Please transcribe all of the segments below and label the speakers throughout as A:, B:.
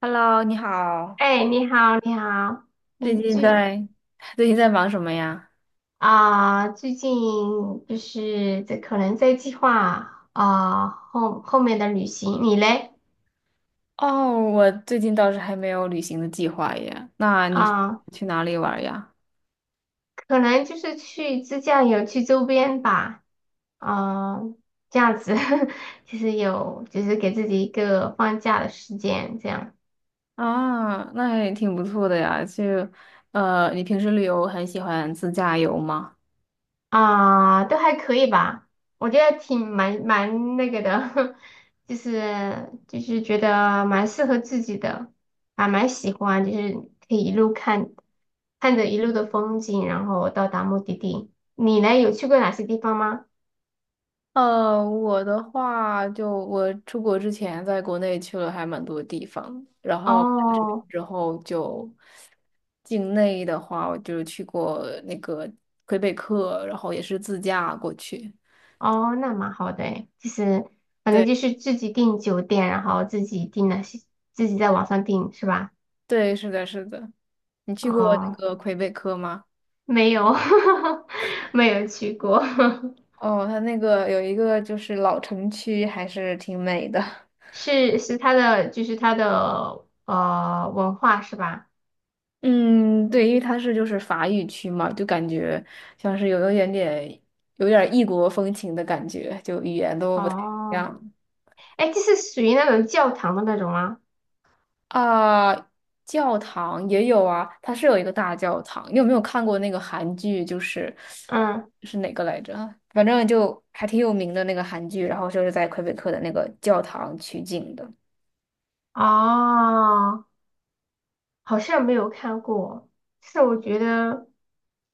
A: Hello，你好，
B: 哎，你好，你好，
A: 最
B: 你
A: 近
B: 最
A: 在最近在忙什么呀？
B: 啊、最近就是在可能在计划后面的旅行，你嘞
A: 哦，我最近倒是还没有旅行的计划耶。那你是
B: 啊、
A: 去哪里玩呀？
B: 可能就是去自驾游去周边吧，啊、这样子 就是有就是给自己一个放假的时间，这样。
A: 啊，那也挺不错的呀。你平时旅游很喜欢自驾游吗？
B: 啊，都还可以吧，我觉得挺蛮那个的，就是觉得蛮适合自己的，还蛮喜欢，就是可以一路看着一路的风景，然后到达目的地。你呢，有去过哪些地方吗？
A: 呃，我的话，就我出国之前在国内去了还蛮多地方，然后来这边
B: 哦
A: 之后就境内的话，我就去过那个魁北克，然后也是自驾过去。
B: 哦，那蛮好的诶就是反正
A: 对
B: 就是自己订酒店，然后自己订那些，自己在网上订是吧？
A: 对，是的，是的。你去过那
B: 哦，
A: 个魁北克吗？
B: 没有，没有去过。
A: 哦，它那个有一个就是老城区，还是挺美的。
B: 是他的，就是他的文化是吧？
A: 嗯，对，因为它是就是法语区嘛，就感觉像是有一点点有点异国风情的感觉，就语言都不太一
B: 哦，
A: 样。
B: 哎，这是属于那种教堂的那种吗？
A: 啊，教堂也有啊，它是有一个大教堂。你有没有看过那个韩剧？就是
B: 嗯，
A: 是哪个来着啊？反正就还挺有名的那个韩剧，然后就是在魁北克的那个教堂取景的。
B: 哦，好像没有看过。是我觉得，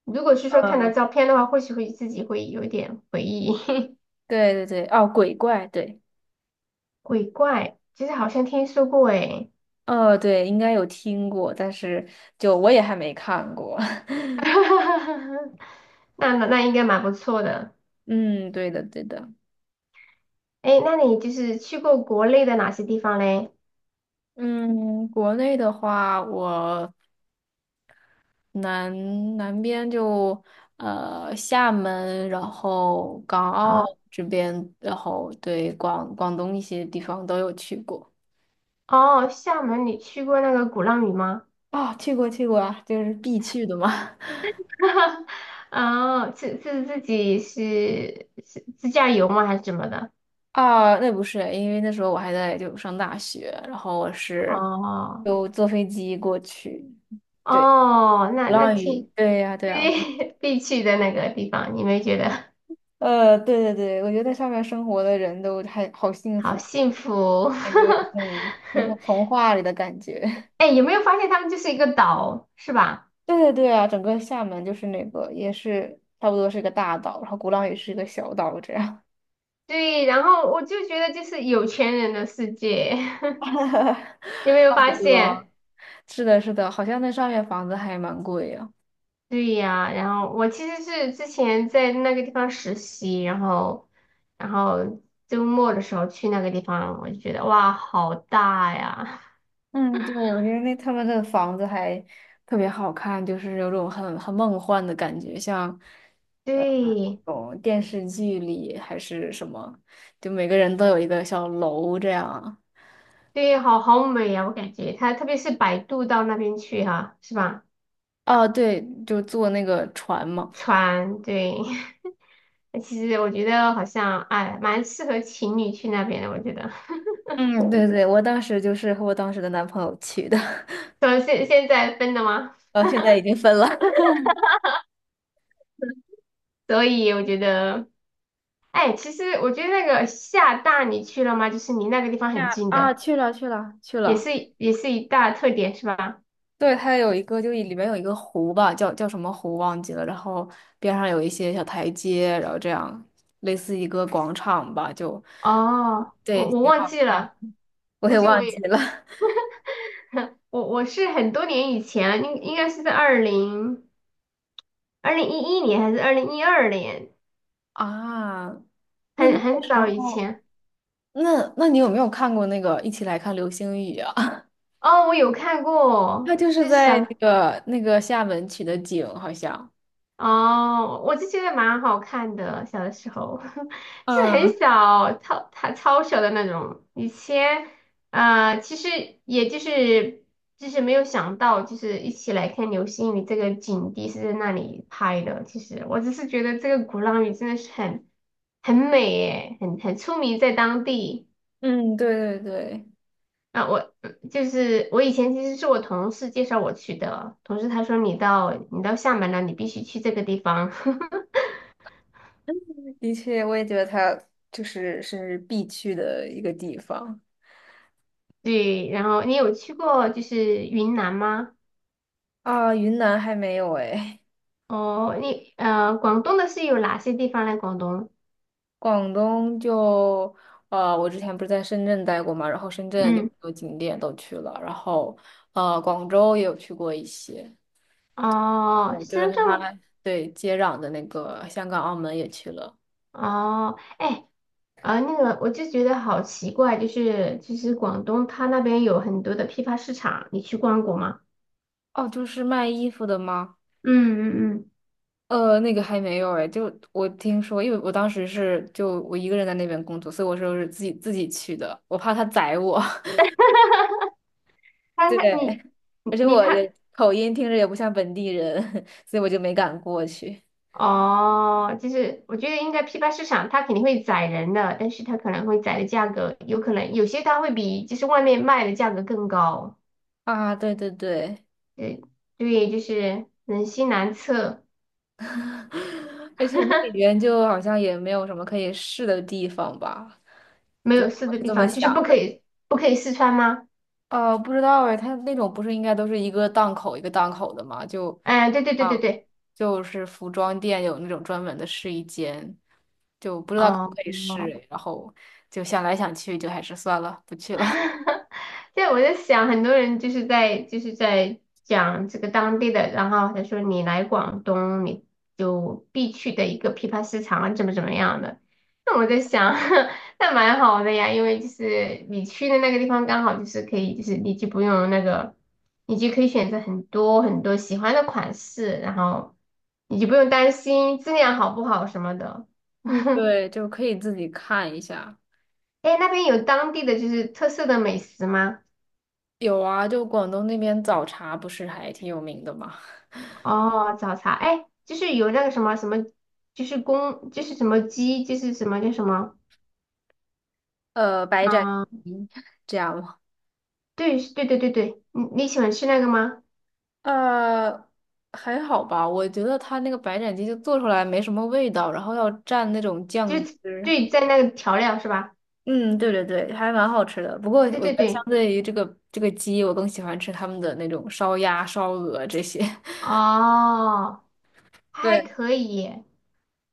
B: 如果是说看到
A: 呃，
B: 照片的话，或许会自己会有一点回忆。
A: 对对对，哦，鬼怪，对，
B: 鬼怪，其实好像听说过哎。
A: 哦对，应该有听过，但是就我也还没看过。
B: 那应该蛮不错的。
A: 嗯，对的对的。
B: 哎，那你就是去过国内的哪些地方嘞？
A: 嗯，国内的话，我南南边就呃厦门，然后港澳
B: 哦
A: 这边，然后对广东一些地方都有去过。
B: 哦，厦门你去过那个鼓浪屿吗？
A: 啊、去过去过啊，就是必去的嘛。
B: 哦，是自己是自驾游吗？还是怎么的？
A: 啊，那不是，因为那时候我还在就上大学，然后我是
B: 哦
A: 就坐飞机过去。对，
B: 哦，那
A: 鼓
B: 那
A: 浪屿，
B: 挺
A: 对呀、对呀、
B: 对 必去的那个地方，你没觉得
A: 呃，对对对，我觉得在上面生活的人都还好幸
B: 好
A: 福，
B: 幸福？
A: 感觉 嗯，就是童话里的感觉。
B: 哎，有没有发现他们就是一个岛，是吧？
A: 对对对啊，整个厦门就是那个也是差不多是个大岛，然后鼓浪屿是一个小岛这样。
B: 对，然后我就觉得就是有钱人的世界，你有没有
A: 差不
B: 发现？
A: 多。是的，是的，好像那上面房子还蛮贵呀、
B: 对呀，然后我其实是之前在那个地方实习，然后周末的时候去那个地方，我就觉得哇，好大呀！
A: 嗯，对，我觉得那他们的房子还特别好看，就是有种很梦幻的感觉，像 呃，
B: 对，
A: 种电视剧里还是什么，就每个人都有一个小楼这样啊。
B: 对，好美呀，我感觉它特别是摆渡到那边去哈、是吧？
A: 哦，对，就坐那个船嘛。
B: 船，对，那其实我觉得好像哎，蛮适合情侣去那边的，我觉得。
A: 嗯，对对，我当时就是和我当时的男朋友去的。
B: 所以现在分了吗？
A: 呃，现在已经分了。
B: 所以我觉得，哎，其实我觉得那个厦大你去了吗？就是离那个地方很
A: 呀
B: 近
A: 啊，
B: 的。
A: 去了去了去
B: 也
A: 了，
B: 是也是一大特点是吧？
A: 对，它有一个，就里面有一个湖吧，叫什么湖忘记了，然后边上有一些小台阶，然后这样类似一个广场吧，就
B: 哦，
A: 对，
B: 我
A: 挺
B: 忘
A: 好
B: 记
A: 看。
B: 了，
A: 我
B: 估
A: 也
B: 计我
A: 忘记
B: 也
A: 了
B: 我是很多年以前了，应该是在2011年还是2012年，
A: 啊。那那
B: 很
A: 个时
B: 早以
A: 候，
B: 前。
A: 那那你有没有看过那个《一起来看流星雨》啊？
B: 哦，我有看
A: 它
B: 过，
A: 就是
B: 就是
A: 在那
B: 小
A: 个那个厦门取的景，好像。
B: 哦，我就觉得蛮好看的，小的时候 是
A: 嗯
B: 很小，超小的那种。以前，其实也就是没有想到，就是一起来看流星雨这个景地是在那里拍的。其实我只是觉得这个鼓浪屿真的是很美耶，很出名在当地。
A: 嗯，对对对。
B: 啊，我就是我以前其实是我同事介绍我去的，同事他说你到厦门了，你必须去这个地方。
A: 的确，我也觉得它就是是必去的一个地方
B: 对，然后你有去过就是云南吗？
A: 啊。云南还没有哎，
B: 哦，广东的是有哪些地方呢？广东，
A: 广东就呃，我之前不是在深圳待过嘛，然后深圳有很
B: 嗯，
A: 多景点都去了，然后呃，广州也有去过一些，
B: 哦，
A: 我就是
B: 深
A: 跟
B: 圳吗？
A: 它对接壤的那个香港、澳门也去了。
B: 哦，哎，那个我就觉得好奇怪，就是广东它那边有很多的批发市场，你去逛过吗？
A: 哦，就是卖衣服的吗？
B: 嗯嗯嗯，
A: 呃，那个还没有哎，就我听说，因为我当时是就我一个人在那边工作，所以我说是自己去的，我怕他宰我。
B: 它
A: 对，
B: 它你
A: 而
B: 你
A: 且
B: 你
A: 我
B: 看，
A: 也口音听着也不像本地人，所以我就没敢过去。
B: 哦，就是我觉得应该批发市场它肯定会宰人的，但是它可能会宰的价格，有可能有些它会比就是外面卖的价格更高。
A: 啊，对对对，
B: 对对，就是人心难测，
A: 而且那里边 就好像也没有什么可以试的地方吧，
B: 没
A: 就
B: 有试
A: 我
B: 的
A: 是
B: 地
A: 这么
B: 方，就是
A: 想的。
B: 不可以试穿吗？
A: 哦，不知道哎，它那种不是应该都是一个档口的吗？就，
B: 哎，对对对对
A: 啊，
B: 对，
A: 就是服装店有那种专门的试衣间，就不知道可不
B: 哦，
A: 可以试哎然后就想来想去，就还是算了，不去了。
B: 对，我在想，很多人就是在讲这个当地的，然后他说你来广东，你就必去的一个批发市场啊，怎么怎么样的。那我在想，那蛮好的呀，因为就是你去的那个地方刚好就是可以，就是你就不用那个，你就可以选择很多很多喜欢的款式，然后你就不用担心质量好不好什么的。
A: 嗯，对，就可以自己看一下。
B: 哎那边有当地的就是特色的美食吗？
A: 有啊，就广东那边早茶不是还挺有名的吗？
B: 哦，早茶，哎，就是有那个什么什么，就是公，就是什么鸡，就是什么叫什么
A: 呃，白斩
B: 啊？
A: 鸡 这样吗？
B: 对，对对对对，你喜欢吃那个吗？
A: 呃，还好吧，我觉得它那个白斩鸡就做出来没什么味道，然后要蘸那种
B: 就
A: 酱
B: 是
A: 汁。
B: 对，在那个调料是吧？
A: 嗯，对对对，还蛮好吃的。不过我
B: 对
A: 觉
B: 对
A: 得相
B: 对，
A: 对于这个鸡，我更喜欢吃他们的那种烧鸭、烧鹅这些。
B: 哦，还
A: 对
B: 可以耶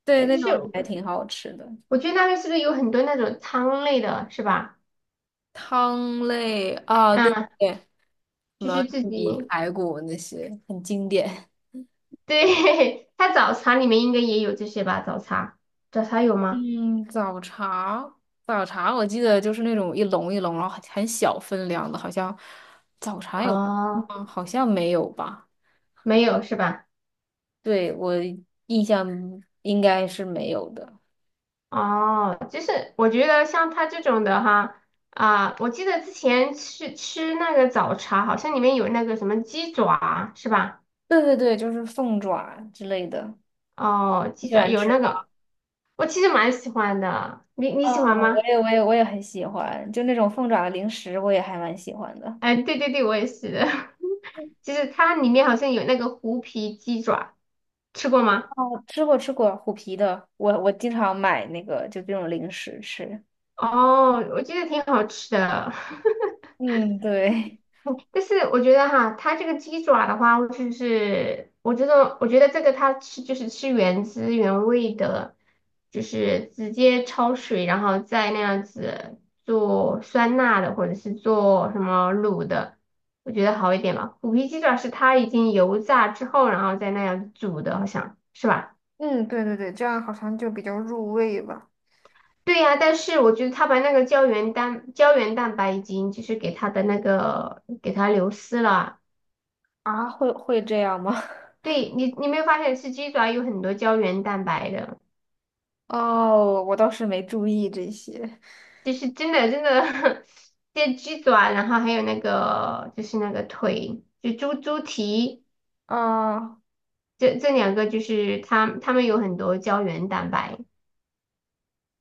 A: 对，那
B: 就
A: 种还
B: 是
A: 挺好吃的。
B: 我觉得那边是不是有很多那种汤类的，是吧？
A: 汤类啊，对对
B: 嗯，
A: 对，什
B: 就
A: 么
B: 是自
A: 玉
B: 己，
A: 米排骨那些很经典。
B: 对，它早茶里面应该也有这些吧？早茶，早茶有吗？
A: 嗯，早茶，早茶，我记得就是那种一笼一笼，然后很小分量的，好像早茶有
B: 哦，
A: 吗？好像没有吧？
B: 没有是吧？
A: 对，我印象应该是没有的。
B: 哦，就是我觉得像他这种的哈，我记得之前吃那个早茶，好像里面有那个什么鸡爪，是吧？
A: 对对对，就是凤爪之类的，
B: 哦，
A: 你
B: 鸡
A: 喜
B: 爪
A: 欢
B: 有
A: 吃
B: 那
A: 吗？
B: 个，我其实蛮喜欢的，你
A: 啊、
B: 喜欢吗？
A: 我也很喜欢，就那种凤爪的零食，我也还蛮喜欢的。
B: 哎，对对对，我也是的，就是它里面好像有那个虎皮鸡爪，吃过吗？
A: 哦，吃过虎皮的，我经常买那个就这种零食吃。
B: 哦，我觉得挺好吃的。
A: 嗯，对，
B: 但是我觉得哈，它这个鸡爪的话，就是我觉得这个它吃就是吃原汁原味的，就是直接焯水，然后再那样子做酸辣的，或者是做什么卤的，我觉得好一点吧。虎皮鸡爪是它已经油炸之后，然后再那样煮的，好像是吧？
A: 嗯，对对对，这样好像就比较入味吧。
B: 对呀，但是我觉得它把那个胶原蛋白已经就是给它的那个给它流失了，
A: 啊，会这样吗？
B: 对你，你没有发现吃鸡爪有很多胶原蛋白的，
A: 哦，我倒是没注意这些。
B: 就是真的真的，这鸡爪，然后还有那个就是那个腿，就猪蹄，
A: 啊，
B: 这两个就是它们有很多胶原蛋白，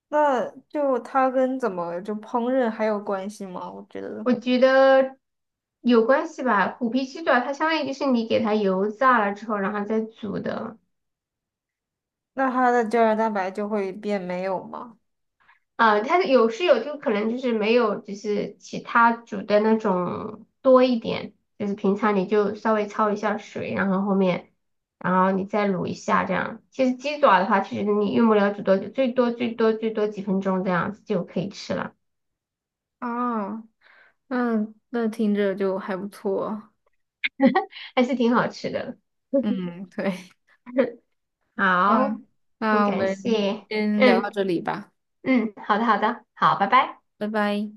A: 那就它跟怎么就烹饪还有关系吗？我觉得，
B: 我觉得有关系吧。虎皮鸡爪它相当于就是你给它油炸了之后，然后再煮的。
A: 那它的胶原蛋白就会变没有吗？
B: 啊，它有是有，就可能就是没有，就是其他煮的那种多一点，就是平常你就稍微焯一下水，然后后面，然后你再卤一下这样。其实鸡爪的话，其实你用不了煮多久，最多最多最多几分钟这样子就可以吃了，
A: 啊，那那听着就还不错。
B: 还是挺好吃的。
A: 嗯，对，
B: 好，
A: 嗯，
B: 很
A: 那我
B: 感
A: 们
B: 谢，
A: 先聊
B: 嗯
A: 到这里吧，
B: 嗯，好的好的，好，拜拜。
A: 拜拜。